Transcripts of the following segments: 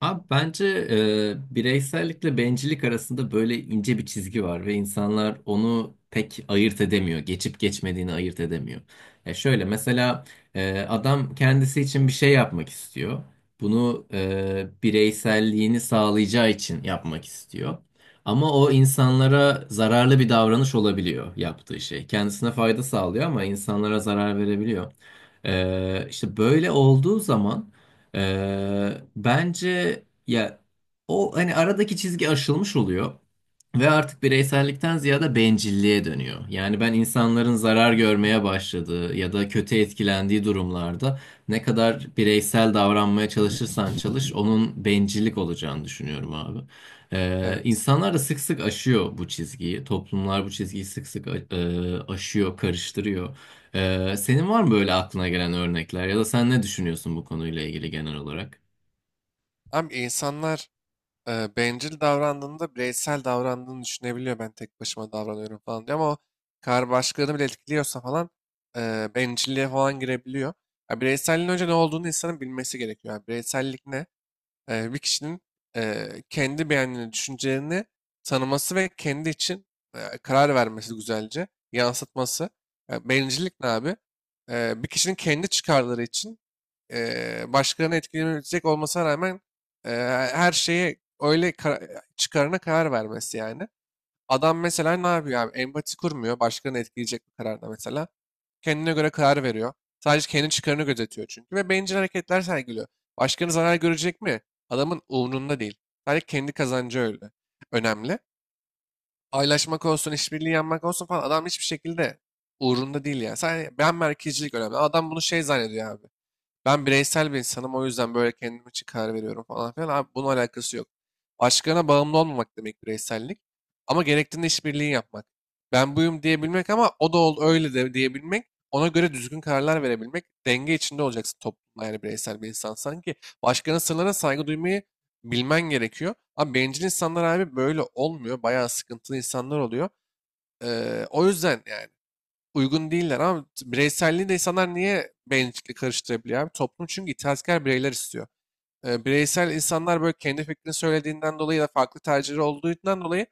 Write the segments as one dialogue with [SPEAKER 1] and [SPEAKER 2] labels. [SPEAKER 1] Abi bence bireysellikle bencillik arasında böyle ince bir çizgi var ve insanlar onu pek ayırt edemiyor. Geçip geçmediğini ayırt edemiyor. E şöyle mesela adam kendisi için bir şey yapmak istiyor. Bunu bireyselliğini sağlayacağı için yapmak istiyor. Ama o insanlara zararlı bir davranış olabiliyor yaptığı şey. Kendisine fayda sağlıyor ama insanlara zarar verebiliyor. İşte böyle olduğu zaman... Bence ya o hani aradaki çizgi aşılmış oluyor. Ve artık bireysellikten ziyade bencilliğe dönüyor. Yani ben insanların zarar görmeye başladığı ya da kötü etkilendiği durumlarda ne kadar bireysel davranmaya çalışırsan çalış onun bencillik olacağını düşünüyorum abi.
[SPEAKER 2] Evet.
[SPEAKER 1] İnsanlar da sık sık aşıyor bu çizgiyi. Toplumlar bu çizgiyi sık sık aşıyor, karıştırıyor. Senin var mı böyle aklına gelen örnekler ya da sen ne düşünüyorsun bu konuyla ilgili genel olarak?
[SPEAKER 2] Abi insanlar bencil davrandığında bireysel davrandığını düşünebiliyor. Ben tek başıma davranıyorum falan diye ama o kar başkalarını bile etkiliyorsa falan bencilliğe falan girebiliyor. Ya bireyselliğin önce ne olduğunu insanın bilmesi gerekiyor. Yani bireysellik ne? Bir kişinin kendi beğendiğini, düşüncelerini tanıması ve kendi için karar vermesi güzelce, yansıtması. Ya bencillik ne abi? Bir kişinin kendi çıkarları için başkalarını etkilemeyecek olmasına rağmen eee, her şeye öyle çıkarına karar vermesi yani. Adam mesela ne yapıyor abi? Empati kurmuyor. Başkalarını etkileyecek bir kararda mesela. Kendine göre karar veriyor. Sadece kendi çıkarını gözetiyor çünkü. Ve bencil hareketler sergiliyor. Başkalarının zarar görecek mi? Adamın umrunda değil. Sadece kendi kazancı öyle. Önemli. Paylaşmak olsun, işbirliği yapmak olsun falan adam hiçbir şekilde uğrunda değil yani. Sadece ben merkezcilik önemli. Adam bunu şey zannediyor abi. Ben bireysel bir insanım o yüzden böyle kendim için karar veriyorum falan filan. Abi bunun alakası yok. Başkalarına bağımlı olmamak demek bireysellik. Ama gerektiğinde işbirliği yapmak. Ben buyum diyebilmek ama o da ol öyle de diyebilmek. Ona göre düzgün kararlar verebilmek. Denge içinde olacaksın toplumda yani bireysel bir insan sanki. Başkalarının sırlarına saygı duymayı bilmen gerekiyor. Ama bencil insanlar abi böyle olmuyor. Bayağı sıkıntılı insanlar oluyor. O yüzden yani uygun değiller ama bireyselliği de insanlar niye bencillik karıştırabiliyor abi? Toplum çünkü itaatkar bireyler istiyor, bireysel insanlar böyle kendi fikrini söylediğinden dolayı ya da farklı tercihleri olduğundan dolayı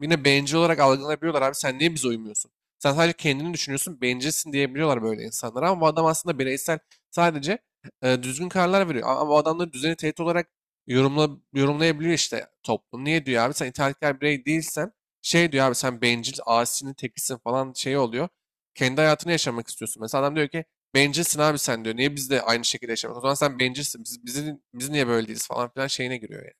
[SPEAKER 2] yine bencil olarak algılanabiliyorlar. Abi sen niye bize uymuyorsun? Sen sadece kendini düşünüyorsun, bencilsin diyebiliyorlar böyle insanlara. Ama bu adam aslında bireysel, sadece düzgün kararlar veriyor. Ama bu adamları düzeni tehdit olarak yorumlayabiliyor işte toplum. Niye diyor abi sen itaatkar birey değilsen şey diyor abi sen bencil, asinin tekisin falan şey oluyor. Kendi hayatını yaşamak istiyorsun. Mesela adam diyor ki, "Bencilsin abi sen" diyor. Niye biz de aynı şekilde yaşamıyoruz? O zaman sen bencilsin. Biz niye böyle değiliz falan filan şeyine giriyor yani.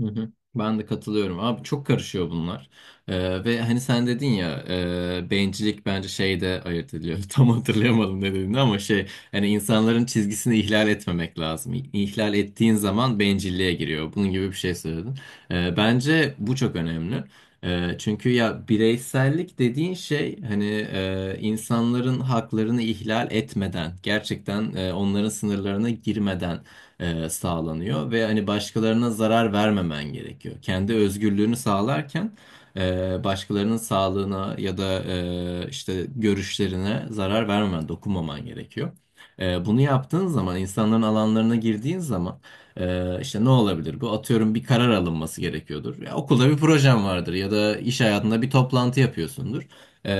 [SPEAKER 1] Hı hı. Ben de katılıyorum. Abi çok karışıyor bunlar. Ve hani sen dedin ya bencillik bence şeyde ayırt ediliyor. Tam hatırlayamadım ne dediğini ama şey hani insanların çizgisini ihlal etmemek lazım. İhlal ettiğin zaman bencilliğe giriyor. Bunun gibi bir şey söyledin. Bence bu çok önemli. Çünkü ya bireysellik dediğin şey hani insanların haklarını ihlal etmeden gerçekten onların sınırlarına girmeden sağlanıyor ve hani başkalarına zarar vermemen gerekiyor. Kendi özgürlüğünü sağlarken başkalarının sağlığına ya da işte görüşlerine zarar vermemen, dokunmaman gerekiyor. Bunu yaptığın zaman, insanların alanlarına girdiğin zaman işte ne olabilir? Bu atıyorum bir karar alınması gerekiyordur. Ya, okulda bir projen vardır ya da iş hayatında bir toplantı yapıyorsundur. Ee,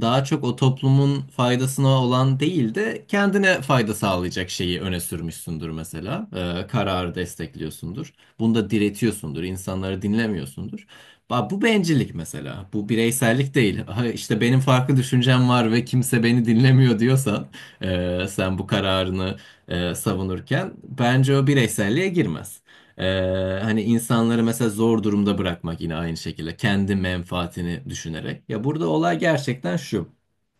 [SPEAKER 1] Daha çok o toplumun faydasına olan değil de kendine fayda sağlayacak şeyi öne sürmüşsündür mesela. Kararı destekliyorsundur. Bunda diretiyorsundur. İnsanları dinlemiyorsundur. Bu bencillik mesela. Bu bireysellik değil. Ha, işte benim farklı düşüncem var ve kimse beni dinlemiyor diyorsan sen bu kararını savunurken bence o bireyselliğe girmez. Ee, Hani insanları mesela zor durumda bırakmak yine aynı şekilde kendi menfaatini düşünerek. Ya burada olay gerçekten şu.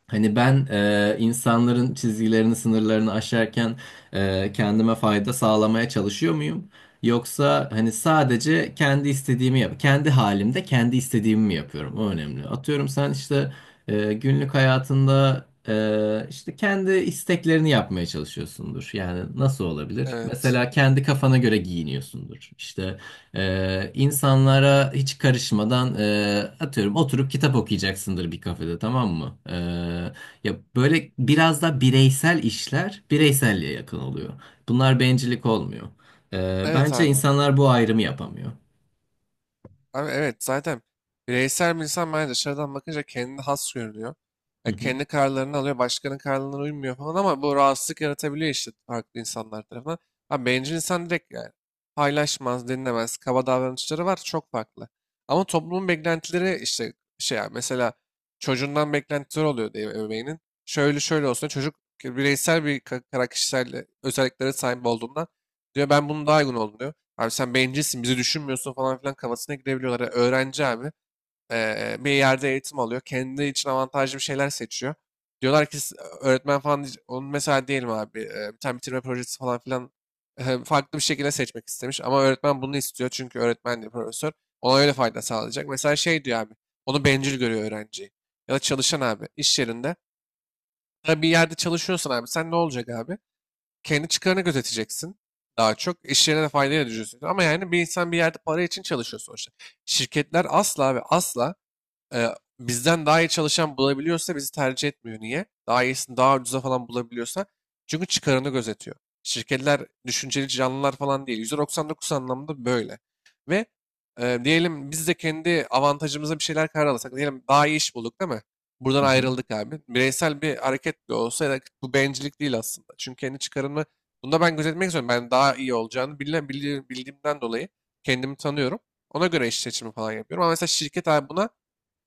[SPEAKER 1] Hani ben insanların çizgilerini, sınırlarını aşarken kendime fayda sağlamaya çalışıyor muyum? Yoksa hani sadece kendi istediğimi yap, kendi halimde kendi istediğimi mi yapıyorum? O önemli. Atıyorum sen işte günlük hayatında işte kendi isteklerini yapmaya çalışıyorsundur. Yani nasıl olabilir?
[SPEAKER 2] Evet.
[SPEAKER 1] Mesela kendi kafana göre giyiniyorsundur. İşte insanlara hiç karışmadan atıyorum oturup kitap okuyacaksındır bir kafede tamam mı? Ya böyle biraz da bireysel işler bireyselliğe yakın oluyor. Bunlar bencillik olmuyor.
[SPEAKER 2] Evet
[SPEAKER 1] Bence
[SPEAKER 2] abi.
[SPEAKER 1] insanlar bu ayrımı yapamıyor.
[SPEAKER 2] Abi evet zaten bireysel bir insan bence dışarıdan bakınca kendine has görünüyor.
[SPEAKER 1] Hı
[SPEAKER 2] Ya
[SPEAKER 1] hı.
[SPEAKER 2] kendi kararlarını alıyor, başkanın kararlarına uymuyor falan ama bu rahatsızlık yaratabiliyor işte farklı insanlar tarafından. Abi bencil insan direkt yani paylaşmaz, dinlemez, kaba davranışları var çok farklı. Ama toplumun beklentileri işte şey yani mesela çocuğundan beklentiler oluyor diye ebeveynin. Şöyle şöyle olsun çocuk, bireysel bir ka- kara kişisel özelliklere sahip olduğundan diyor ben bunu daha uygun oldum diyor. Abi sen bencilsin, bizi düşünmüyorsun falan filan kafasına girebiliyorlar. Yani öğrenci abi bir yerde eğitim alıyor. Kendi için avantajlı bir şeyler seçiyor. Diyorlar ki, öğretmen falan, onun mesela diyelim abi bir tane bitirme projesi falan filan farklı bir şekilde seçmek istemiş. Ama öğretmen bunu istiyor çünkü öğretmen de profesör. Ona öyle fayda sağlayacak. Mesela şey diyor abi, onu bencil görüyor öğrenciyi. Ya da çalışan abi iş yerinde. Ya bir yerde çalışıyorsan abi sen ne olacak abi? Kendi çıkarını gözeteceksin daha çok. İş yerine de faydayla düşüneceksin. Ama yani bir insan bir yerde para için çalışıyor sonuçta. Şirketler asla ve asla e, bizden daha iyi çalışan bulabiliyorsa bizi tercih etmiyor. Niye? Daha iyisini daha ucuza falan bulabiliyorsa. Çünkü çıkarını gözetiyor. Şirketler düşünceli canlılar falan değil. %99 anlamda böyle. Ve diyelim biz de kendi avantajımıza bir şeyler karar alırsak. Diyelim daha iyi iş bulduk değil mi? Buradan
[SPEAKER 1] Hı hı.
[SPEAKER 2] ayrıldık abi. Bireysel bir hareket de olsa ya da bu bencillik değil aslında. Çünkü kendi çıkarımı bunda ben gözetmek istiyorum. Ben daha iyi olacağını bildiğimden dolayı kendimi tanıyorum. Ona göre iş seçimi falan yapıyorum. Ama mesela şirket abi buna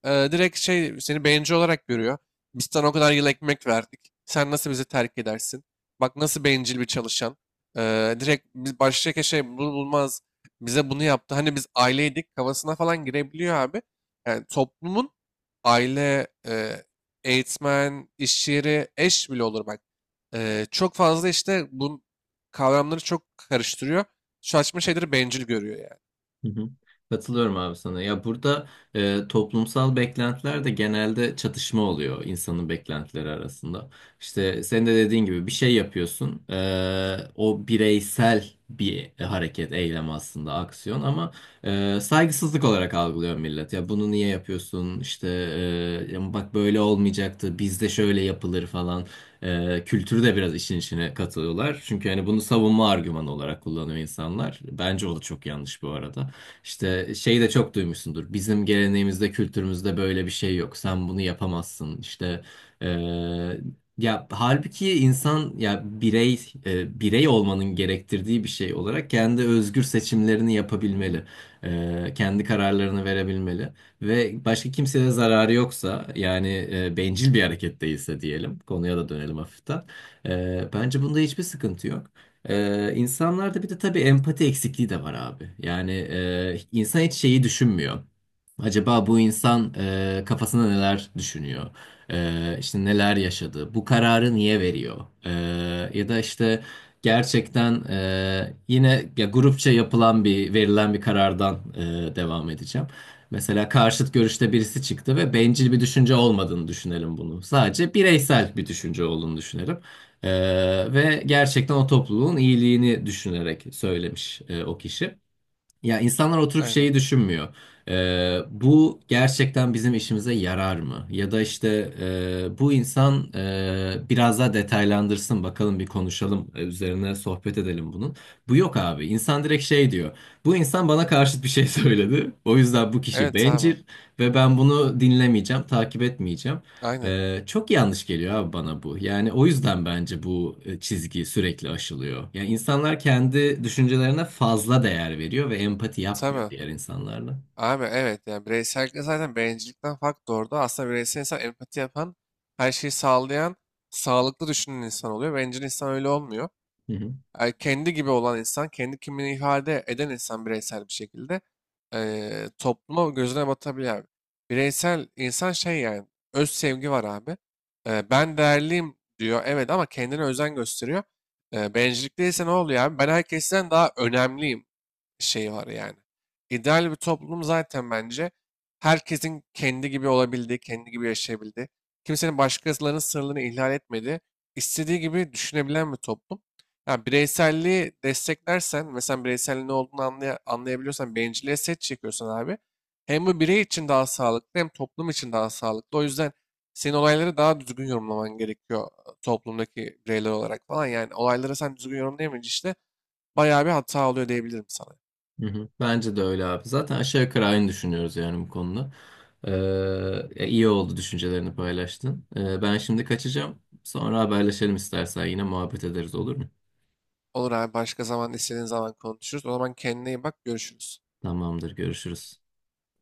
[SPEAKER 2] direkt şey seni bencil olarak görüyor. Biz sana o kadar yıl ekmek verdik. Sen nasıl bizi terk edersin? Bak nasıl bencil bir çalışan. Direkt biz baştaki şey bunu bulmaz. Bize bunu yaptı. Hani biz aileydik kafasına falan girebiliyor abi. Yani toplumun aile, eğitmen, iş yeri, eş bile olur bak. Çok fazla işte bu kavramları çok karıştırıyor. Saçma şeyleri bencil görüyor yani.
[SPEAKER 1] Hı hı. Katılıyorum abi sana. Ya burada toplumsal beklentiler de genelde çatışma oluyor insanın beklentileri arasında. İşte sen de dediğin gibi bir şey yapıyorsun. E, o bireysel bir hareket, eylem aslında aksiyon ama saygısızlık olarak algılıyor millet. Ya bunu niye yapıyorsun? İşte ya bak böyle olmayacaktı. Bizde şöyle yapılır falan. Kültürü de biraz işin içine katılıyorlar. Çünkü hani bunu savunma argümanı olarak kullanıyor insanlar. Bence o da çok yanlış bu arada. İşte şeyi de çok duymuşsundur. Bizim geleneğimizde, kültürümüzde böyle bir şey yok. Sen bunu yapamazsın. İşte eee, ya halbuki insan ya birey birey olmanın gerektirdiği bir şey olarak kendi özgür seçimlerini yapabilmeli. Kendi kararlarını verebilmeli ve başka kimseye zararı yoksa yani bencil bir hareket değilse diyelim konuya da dönelim hafiften. Bence bunda hiçbir sıkıntı yok. İnsanlarda bir de tabii empati eksikliği de var abi. Yani insan hiç şeyi düşünmüyor. Acaba bu insan kafasında neler düşünüyor? İşte neler yaşadı? Bu kararı niye veriyor? Ya da işte gerçekten yine ya grupça yapılan bir verilen bir karardan devam edeceğim. Mesela karşıt görüşte birisi çıktı ve bencil bir düşünce olmadığını düşünelim bunu. Sadece bireysel bir düşünce olduğunu düşünelim. Ee, Ve gerçekten o topluluğun iyiliğini düşünerek söylemiş o kişi. Ya insanlar oturup
[SPEAKER 2] Aynen.
[SPEAKER 1] şeyi düşünmüyor. Bu gerçekten bizim işimize yarar mı? Ya da işte bu insan biraz daha detaylandırsın bakalım bir konuşalım üzerine sohbet edelim bunun. Bu yok abi. İnsan direkt şey diyor. Bu insan bana karşıt bir şey söyledi. O yüzden bu kişi
[SPEAKER 2] Evet
[SPEAKER 1] bencil
[SPEAKER 2] tamam.
[SPEAKER 1] ve ben bunu dinlemeyeceğim, takip etmeyeceğim.
[SPEAKER 2] Aynen.
[SPEAKER 1] Çok yanlış geliyor abi bana bu. Yani o yüzden bence bu çizgi sürekli aşılıyor. Yani insanlar kendi düşüncelerine fazla değer veriyor ve empati yapmıyor
[SPEAKER 2] Tabii.
[SPEAKER 1] diğer insanlarla.
[SPEAKER 2] Abi evet yani bireysellikle zaten bencillikten fark doğurdu. Aslında bireysel insan empati yapan, her şeyi sağlayan, sağlıklı düşünen insan oluyor. Bencil insan öyle olmuyor.
[SPEAKER 1] Hı hı,
[SPEAKER 2] Kendi gibi olan insan, kendi kimliğini ifade eden insan bireysel bir şekilde topluma gözüne batabilir abi. Bireysel insan şey yani öz sevgi var abi. Ben değerliyim diyor evet ama kendine özen gösteriyor. Bencillik değilse ne oluyor abi? Ben herkesten daha önemliyim şeyi var yani. İdeal bir toplum zaten bence herkesin kendi gibi olabildiği, kendi gibi yaşayabildiği, kimsenin başkalarının sınırlarını ihlal etmediği, istediği gibi düşünebilen bir toplum. Ya bireyselliği desteklersen, mesela bireyselliğin ne olduğunu anlayabiliyorsan, bencilliğe set çekiyorsan abi, hem bu birey için daha sağlıklı hem toplum için daha sağlıklı. O yüzden senin olayları daha düzgün yorumlaman gerekiyor toplumdaki bireyler olarak falan. Yani olayları sen düzgün yorumlayamayınca işte bayağı bir hata oluyor diyebilirim sana.
[SPEAKER 1] hı hı. Bence de öyle abi. Zaten aşağı yukarı aynı düşünüyoruz yani bu konuda. İyi oldu düşüncelerini paylaştın. Ben şimdi kaçacağım. Sonra haberleşelim istersen yine muhabbet ederiz olur mu?
[SPEAKER 2] Olur abi başka zaman istediğin zaman konuşuruz. O zaman kendine iyi bak, görüşürüz.
[SPEAKER 1] Tamamdır, görüşürüz.